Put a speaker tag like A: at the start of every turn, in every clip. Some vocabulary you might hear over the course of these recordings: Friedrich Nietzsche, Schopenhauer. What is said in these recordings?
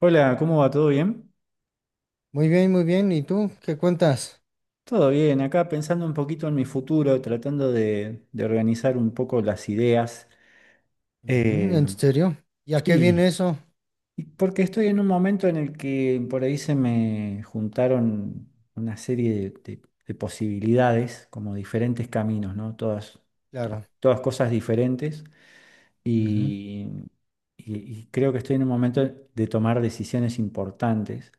A: Hola, ¿cómo va? ¿Todo bien?
B: Muy bien, muy bien. ¿Y tú qué cuentas?
A: Todo bien, acá pensando un poquito en mi futuro, tratando de organizar un poco las ideas.
B: Ujú,
A: Eh,
B: ¿en serio? ¿Y a qué viene
A: sí,
B: eso?
A: y porque estoy en un momento en el que por ahí se me juntaron una serie de posibilidades, como diferentes caminos, ¿no?
B: Claro,
A: Todas cosas diferentes
B: ujú,
A: y, y y creo que estoy en un momento de tomar decisiones importantes.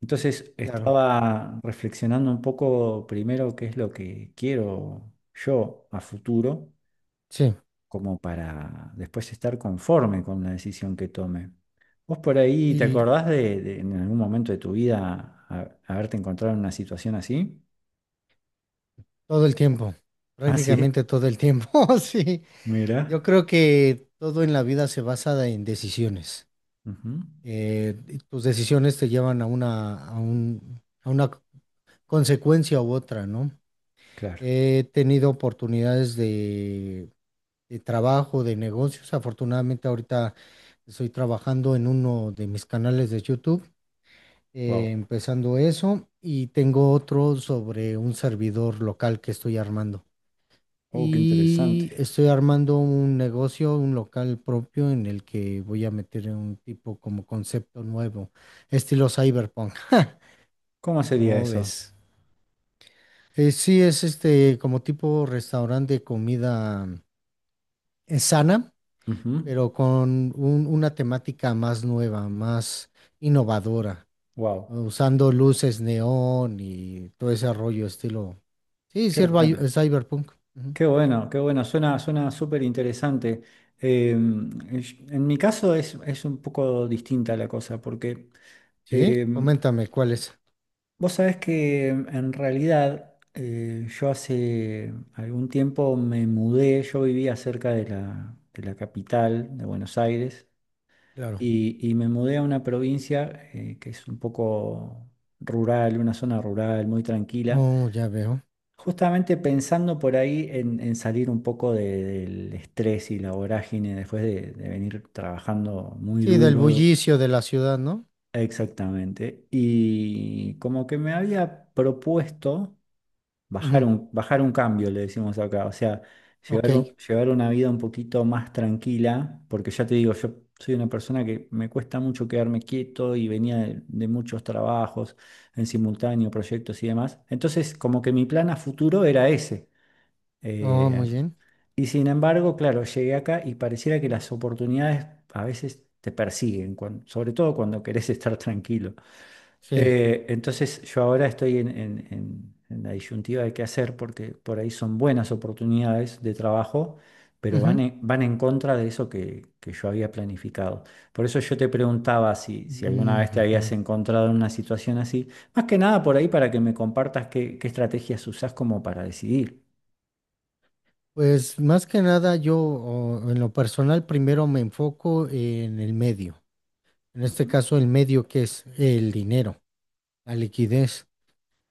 A: Entonces
B: claro,
A: estaba reflexionando un poco primero qué es lo que quiero yo a futuro,
B: sí.
A: como para después estar conforme con la decisión que tome. ¿Vos por ahí te
B: Y
A: acordás de en algún momento de tu vida haberte encontrado en una situación así?
B: todo el tiempo,
A: Ah, sí,
B: prácticamente todo el tiempo, sí. Yo
A: mira.
B: creo que todo en la vida se basa en decisiones.
A: Ujú.
B: Y tus decisiones te llevan a una, a un, a una consecuencia u otra, ¿no?
A: Claro.
B: He tenido oportunidades de trabajo, de negocios. Afortunadamente ahorita estoy trabajando en uno de mis canales de YouTube,
A: Wow.
B: empezando eso, y tengo otro sobre un servidor local que estoy armando.
A: Oh, qué interesante.
B: Y estoy armando un negocio, un local propio en el que voy a meter un tipo como concepto nuevo, estilo cyberpunk.
A: ¿Cómo sería
B: ¿Cómo
A: eso?
B: ves? Sí, es este como tipo restaurante de comida sana pero con un- una temática más nueva, más innovadora,
A: Wow.
B: ¿no? Usando luces neón y todo ese rollo estilo. Sí,
A: Qué
B: sí,
A: bueno.
B: cyberpunk. Ujú.
A: Qué bueno, suena súper interesante. Em, en mi caso es un poco distinta la cosa, porque
B: Sí,
A: em,
B: coméntame cuál es.
A: vos sabés que en realidad yo hace algún tiempo me mudé, yo vivía cerca de de la capital de Buenos Aires
B: Claro.
A: y me mudé a una provincia que es un poco rural, una zona rural muy tranquila.
B: Oh, ya veo.
A: Justamente pensando por ahí en salir un poco del estrés y la vorágine de venir trabajando muy
B: Sí, del
A: duro,
B: bullicio de la ciudad, ¿no?
A: exactamente, y como que me había propuesto
B: Ujú.
A: bajar un cambio, le decimos acá, o sea,
B: Ok.
A: llevar una vida un poquito más tranquila, porque ya te digo, yo soy una persona que me cuesta mucho quedarme quieto y venía de muchos trabajos en simultáneo, proyectos y demás, entonces como que mi plan a futuro era ese,
B: Oh,
A: eh,
B: muy bien.
A: y sin embargo, claro, llegué acá y pareciera que las oportunidades a veces te persiguen, sobre todo cuando querés estar tranquilo.
B: Sí.
A: Entonces yo ahora estoy en la disyuntiva de qué hacer porque por ahí son buenas oportunidades de trabajo, pero van
B: Ujú.
A: van en contra de eso que yo había planificado. Por eso yo te preguntaba si alguna
B: Mm,
A: vez te
B: ujú.
A: habías encontrado en una situación así, más que nada por ahí para que me compartas qué estrategias usás como para decidir.
B: Pues más que nada yo o, en lo personal primero me enfoco en el medio. En este
A: Ujú,
B: caso el medio que es el dinero. La liquidez,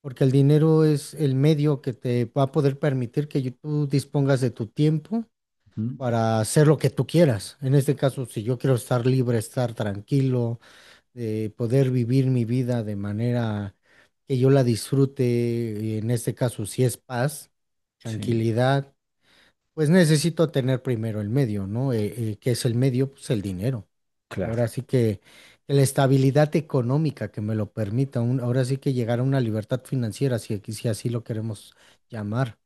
B: porque el dinero es el medio que te va a poder permitir que yo- tú dispongas de tu tiempo
A: ujú.
B: para hacer lo que tú quieras. En este caso, si yo quiero estar libre, estar tranquilo, de poder vivir mi vida de manera que yo la disfrute, y en este caso, si es paz,
A: Sí,
B: tranquilidad, pues necesito tener primero el medio, ¿no? ¿Qué es el medio? Pues el dinero.
A: claro,
B: Ahora sí que la estabilidad económica que me lo permita, un- ahora sí que llegar a una libertad financiera, si, aquí- si así lo queremos llamar.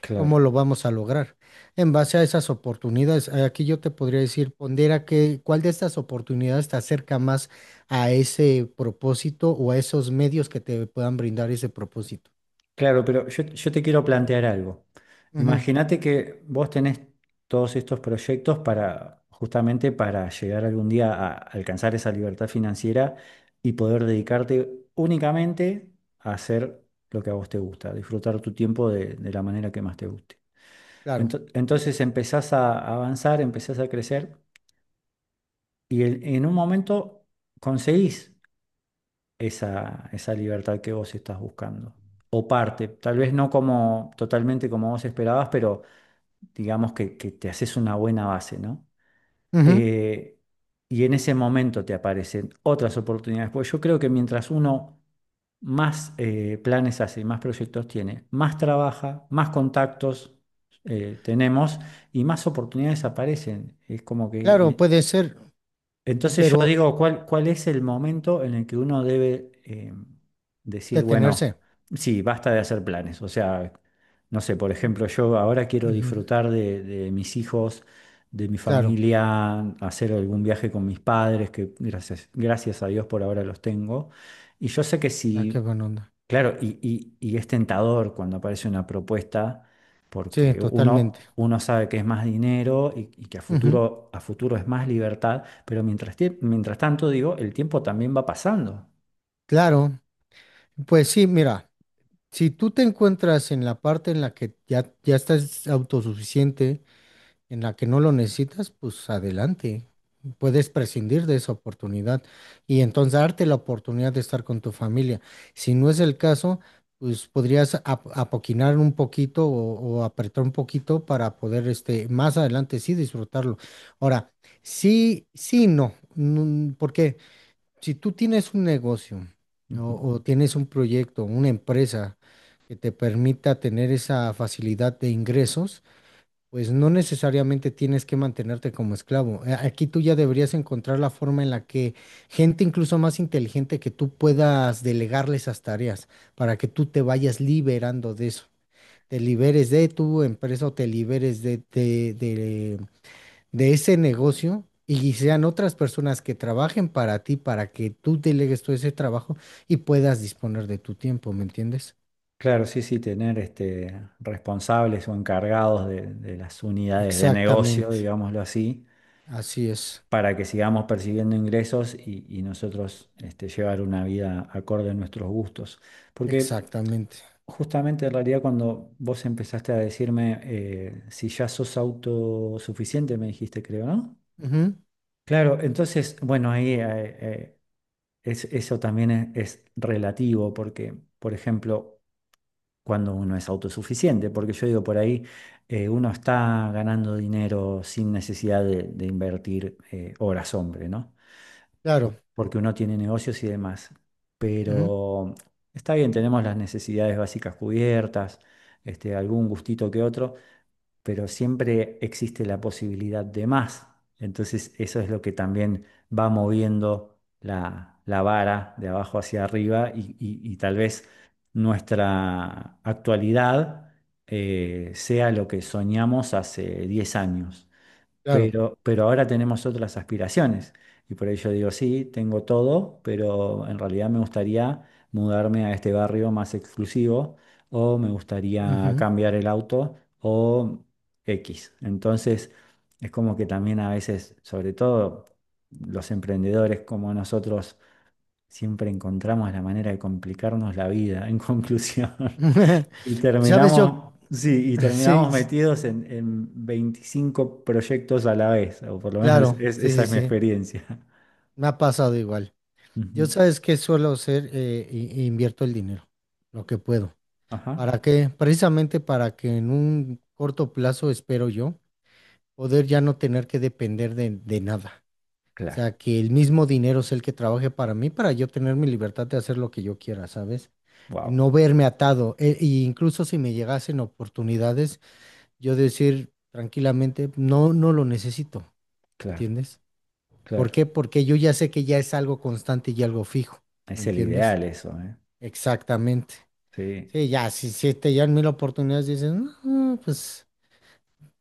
A: claro,
B: ¿Cómo lo vamos a lograr? En base a esas oportunidades, aquí yo te podría decir, pondera que, cuál de estas oportunidades te acerca más a ese propósito o a esos medios que te puedan brindar ese propósito.
A: claro, pero yo te quiero plantear algo.
B: Ujú,
A: Imagínate que vos tenés todos estos proyectos para, justamente para llegar algún día a alcanzar esa libertad financiera y poder dedicarte únicamente a hacer lo que a vos te gusta, disfrutar tu tiempo de la manera que más te guste.
B: claro.
A: Entonces empezás a avanzar, empezás a crecer y en un momento conseguís esa libertad que vos estás buscando. O parte, tal vez no como totalmente como vos esperabas, pero digamos que te haces una buena base, ¿no?
B: Ujú,
A: Eh, y en ese momento te aparecen otras oportunidades, porque yo creo que mientras uno más planes hace, más proyectos tiene, más trabaja, más contactos tenemos y más oportunidades aparecen. Es como
B: claro,
A: que
B: puede ser,
A: entonces
B: pero
A: yo digo, ¿ cuál es el momento en el que uno debe decir,
B: Detenerse.
A: bueno, sí, ¿basta de hacer planes? O sea, no sé, por ejemplo, yo ahora quiero
B: Ujú,
A: disfrutar de mis hijos, de mi
B: claro.
A: familia, hacer algún viaje con mis padres, que gracias a Dios por ahora los tengo. Y yo sé que
B: Ah,
A: si
B: qué buena onda.
A: claro, y es tentador cuando aparece una propuesta,
B: Sí,
A: porque
B: totalmente.
A: uno sabe que es más dinero y que
B: Ujú,
A: a futuro es más libertad, pero mientras, mientras tanto, digo, el tiempo también va pasando.
B: claro. Pues sí, mira, si tú te encuentras en la parte en la que ya, ya estás autosuficiente, en la que no lo necesitas, pues adelante. Puedes prescindir de esa oportunidad y entonces darte la oportunidad de estar con tu familia. Si no es el caso, pues podrías ap- apoquinar un poquito o apretar un poquito para poder este, más adelante sí disfrutarlo. Ahora, sí, sí, no. Mm, porque si tú tienes un negocio
A: Ujú.
B: o tienes un proyecto, una empresa que te permita tener esa facilidad de ingresos, pues no necesariamente tienes que mantenerte como esclavo. A- Aquí tú ya deberías encontrar la forma en la que gente incluso más inteligente que tú puedas delegarle esas tareas para que tú te vayas liberando de eso. Te liberes de tu empresa o te liberes de ese negocio y sean otras personas que trabajen para ti para que tú delegues todo ese trabajo y puedas disponer de tu tiempo, ¿me entiendes?
A: Claro, sí, sí, tener este, responsables o encargados de las unidades de negocio,
B: Exactamente.
A: digámoslo así,
B: Así es.
A: para que sigamos percibiendo ingresos y nosotros este, llevar una vida acorde a nuestros gustos. Porque
B: Exactamente.
A: justamente en realidad cuando vos empezaste a decirme si ya sos autosuficiente, me dijiste, creo, ¿no?
B: Ujú,
A: Claro, entonces, bueno, ahí eso también es relativo porque, por ejemplo, cuando uno es autosuficiente, porque yo digo por ahí, uno está ganando dinero sin necesidad de invertir horas hombre, ¿no?
B: claro.
A: Porque uno tiene negocios y demás.
B: Ujú,
A: Pero está bien, tenemos las necesidades básicas cubiertas, este, algún gustito que otro, pero siempre existe la posibilidad de más. Entonces eso es lo que también va moviendo la vara de abajo hacia arriba y, y tal vez nuestra actualidad sea lo que soñamos hace 10 años
B: claro.
A: pero ahora tenemos otras aspiraciones. Y por ello digo, sí, tengo todo, pero en realidad me gustaría mudarme a este barrio más exclusivo o me gustaría
B: Ujú.
A: cambiar el auto o X. Entonces, es como que también a veces, sobre todo los emprendedores como nosotros, siempre encontramos la manera de complicarnos la vida, en conclusión. Y
B: ¿Sabes yo?
A: terminamos, sí, y
B: Sí,
A: terminamos
B: s-
A: metidos en 25 proyectos a la vez, o por lo menos
B: claro, sí,
A: esa
B: sí,
A: es mi
B: sí.
A: experiencia.
B: Me ha pasado igual. Yo
A: Ujú.
B: sabes que suelo hacer, i- invierto el dinero, lo que puedo.
A: Ajá.
B: ¿Para qué? Precisamente para que en un corto plazo, espero yo, poder ya no tener que depender de nada. O
A: Claro.
B: sea, que el mismo dinero es el que trabaje para mí, para yo tener mi libertad de hacer lo que yo quiera, ¿sabes?
A: Wow.
B: No verme atado. E, e incluso si me llegasen oportunidades. Yo decir tranquilamente, no, no lo necesito,
A: Claro,
B: ¿entiendes? ¿Por
A: claro.
B: qué? Porque yo ya sé que ya es algo constante y algo fijo, ¿me
A: Es el
B: entiendes?
A: ideal eso, ¿eh?
B: Exactamente.
A: Sí,
B: Sí, ya, si, si te llegan mil oportunidades, dices, "No, pues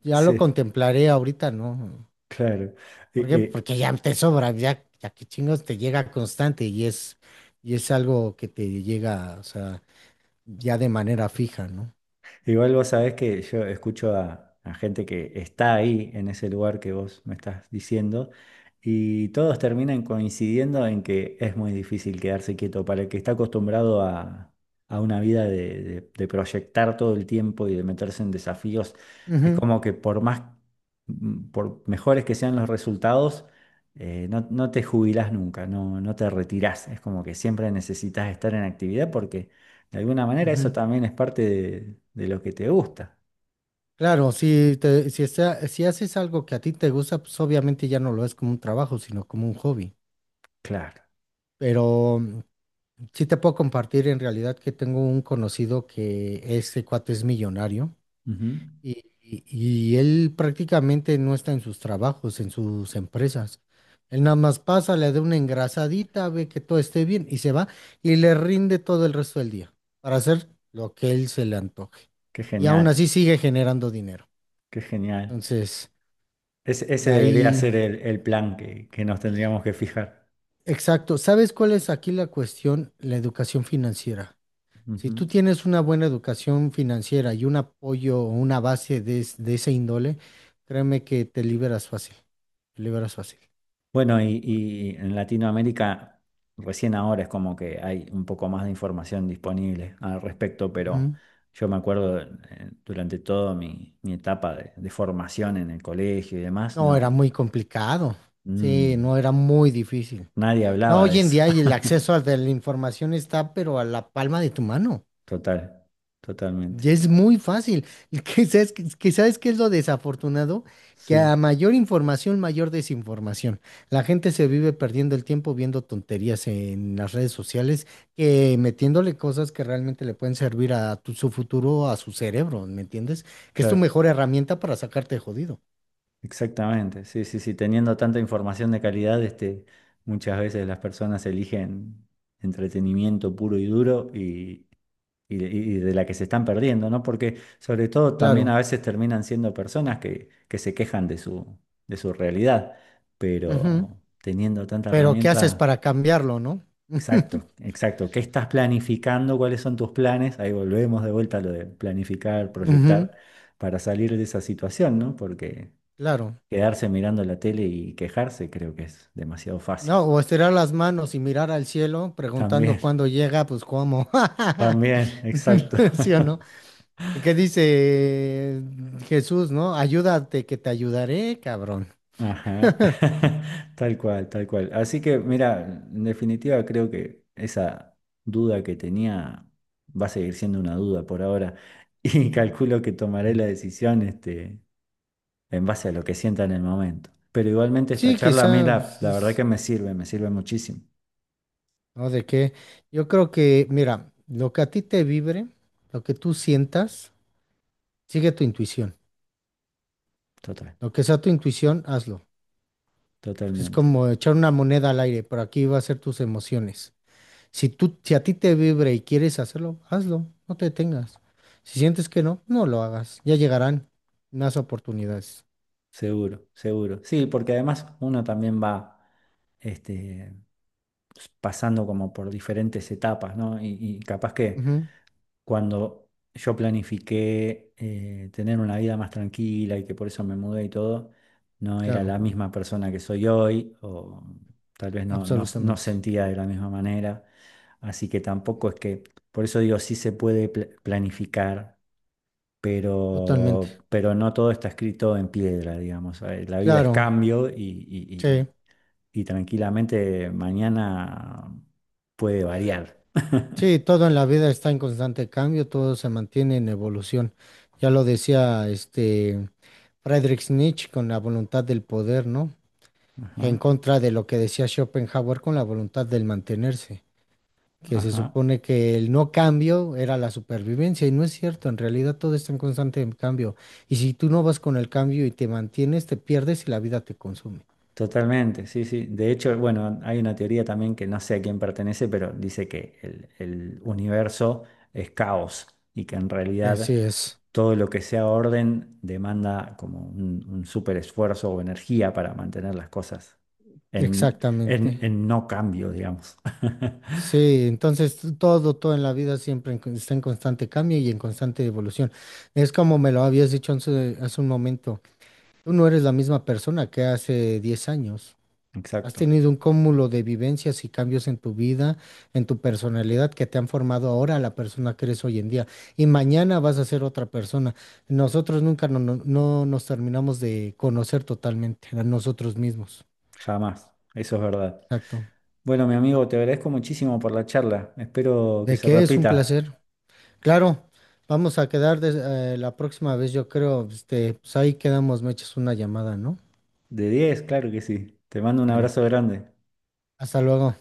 B: ya lo
A: sí,
B: contemplaré ahorita, ¿no?
A: claro.
B: ¿Por
A: Eh,
B: qué?
A: eh,
B: Porque ya te sobra, ya, ya que chingos te llega constante y es algo que te llega, o sea, ya de manera fija, ¿no?
A: Igual vos sabés que yo escucho a gente que está ahí en ese lugar que vos me estás diciendo y todos terminan coincidiendo en que es muy difícil quedarse quieto para el que está acostumbrado a una vida de proyectar todo el tiempo y de meterse en desafíos. Es
B: Ujú,
A: como que por más, por mejores que sean los resultados, no, no te jubilás nunca, no, no te retirás. Es como que siempre necesitas estar en actividad porque... De alguna manera eso
B: ujú.
A: también es parte de lo que te gusta.
B: Claro, si, te- si, está- si haces algo que a ti te gusta, pues obviamente ya no lo es como un trabajo, sino como un hobby.
A: Claro.
B: Pero sí te puedo compartir en realidad que tengo un conocido que este cuate es millonario
A: Ujú.
B: y, y- y él prácticamente no está en sus trabajos, en sus empresas. Él nada más pasa, le da una engrasadita, ve que todo esté bien y se va y le rinde todo el resto del día para hacer lo que él se le antoje.
A: Qué
B: Y aún
A: genial,
B: así sigue generando dinero.
A: qué genial.
B: Entonces...
A: Ese
B: De
A: debería
B: ahí,
A: ser el plan que nos tendríamos que fijar.
B: exacto. ¿Sabes cuál es aquí la cuestión? La educación financiera. Si tú
A: Ujú.
B: tienes una buena educación financiera y un apoyo o una base de, es- de ese índole, créeme que te liberas fácil. Te liberas fácil.
A: Bueno, y en Latinoamérica recién ahora es como que hay un poco más de información disponible al respecto, pero
B: Ujú.
A: yo me acuerdo durante toda mi, mi etapa de formación en el colegio y demás,
B: No, era
A: no,
B: muy complicado. Sí,
A: mm,
B: no, era muy difícil.
A: nadie
B: No,
A: hablaba de
B: hoy en
A: eso.
B: día y el acceso a la información está, pero a la palma de tu mano.
A: Total,
B: Ya
A: totalmente.
B: es muy fácil. ¿Que sabes, que sabes qué es lo desafortunado? Que a
A: Sí,
B: mayor información, mayor desinformación. La gente se vive perdiendo el tiempo viendo tonterías en las redes sociales que metiéndole cosas que realmente le pueden servir a tu- su futuro, a su cerebro, ¿me entiendes? Que es tu
A: claro,
B: mejor herramienta para sacarte de jodido.
A: exactamente. Sí, sí, sí, teniendo tanta información de calidad, este, muchas veces las personas eligen entretenimiento puro y duro y, y de la que se están perdiendo, ¿no? Porque sobre todo también a
B: Claro.
A: veces terminan siendo personas que se quejan de su realidad,
B: Ujú.
A: pero teniendo tanta
B: Pero ¿qué haces
A: herramienta,
B: para cambiarlo, no?
A: exacto, exacto. ¿Qué estás planificando? ¿Cuáles son tus planes? Ahí volvemos de vuelta a lo de planificar,
B: Ujú.
A: proyectar para salir de esa situación, ¿no? Porque
B: Claro.
A: quedarse mirando la tele y quejarse creo que es demasiado fácil.
B: No, o estirar las manos y mirar al cielo,
A: También,
B: preguntando cuándo llega, pues cómo.
A: también, exacto.
B: ¿Sí o no? ¿Y qué dice Jesús, no? Ayúdate, que te ayudaré, cabrón.
A: Ajá, tal cual, tal cual. Así que, mira, en definitiva creo que esa duda que tenía va a seguir siendo una duda por ahora y calculo que tomaré la decisión este, en base a lo que sienta en el momento. Pero igualmente esta
B: Sí,
A: charla a mí la verdad
B: quizás,
A: que me sirve muchísimo.
B: ¿no? ¿De qué? Yo creo que, mira, lo que a ti te vibre, lo que tú sientas, sigue tu intuición.
A: Total,
B: Lo que sea tu intuición, hazlo. Es
A: totalmente.
B: como echar una moneda al aire, por aquí va a ser tus emociones. Si tú, si a ti te vibra y quieres hacerlo, hazlo, no te detengas. Si sientes que no, no lo hagas. Ya llegarán más oportunidades.
A: Seguro, seguro. Sí, porque además uno también va este, pues, pasando como por diferentes etapas, ¿no? Y capaz que
B: Ujú,
A: cuando yo planifiqué tener una vida más tranquila y que por eso me mudé y todo, no era
B: claro,
A: la misma persona que soy hoy, o tal vez no
B: absolutamente,
A: sentía de la misma manera. Así que tampoco es que, por eso digo, sí se puede planificar
B: totalmente.
A: pero no todo está escrito en piedra, digamos. La vida es
B: Claro,
A: cambio
B: sí,
A: y- y tranquilamente mañana puede variar.
B: sí, todo en la vida está en constante cambio, todo se mantiene en evolución. Ya lo decía este Friedrich Nietzsche con la voluntad del poder, ¿no? En
A: Ajá,
B: contra de lo que decía Schopenhauer con la voluntad del mantenerse. Que se
A: ajá,
B: supone que el no cambio era la supervivencia y no es cierto, en realidad todo está en constante cambio y si tú no vas con el cambio y te mantienes, te pierdes y la vida te consume.
A: totalmente, sí, sí. De hecho, bueno, hay una teoría también que no sé a quién pertenece, pero dice que el universo es caos y que en
B: Así
A: realidad
B: es,
A: todo lo que sea orden demanda como un súper esfuerzo o energía para mantener las cosas
B: exactamente.
A: en no cambio, digamos.
B: Sí, entonces t- todo, todo en la vida siempre en con- está en constante cambio y en constante evolución. Es como me lo habías dicho hace, hace un momento, tú no eres la misma persona que hace 10 años. Has
A: Exacto,
B: tenido un cúmulo de vivencias y cambios en tu vida, en tu personalidad, que te han formado ahora a la persona que eres hoy en día. Y mañana vas a ser otra persona. Nosotros nunca no, no- no nos terminamos de conocer totalmente a nosotros mismos.
A: jamás. Eso es verdad.
B: Exacto.
A: Bueno, mi amigo, te agradezco muchísimo por la charla. Espero que
B: ¿De
A: se
B: qué es un
A: repita.
B: placer? Claro, vamos a quedar des- la próxima vez, yo creo, este, pues ahí quedamos, me echas una llamada, ¿no?
A: De diez, claro que sí. Te mando un
B: Bueno,
A: abrazo grande.
B: hasta luego.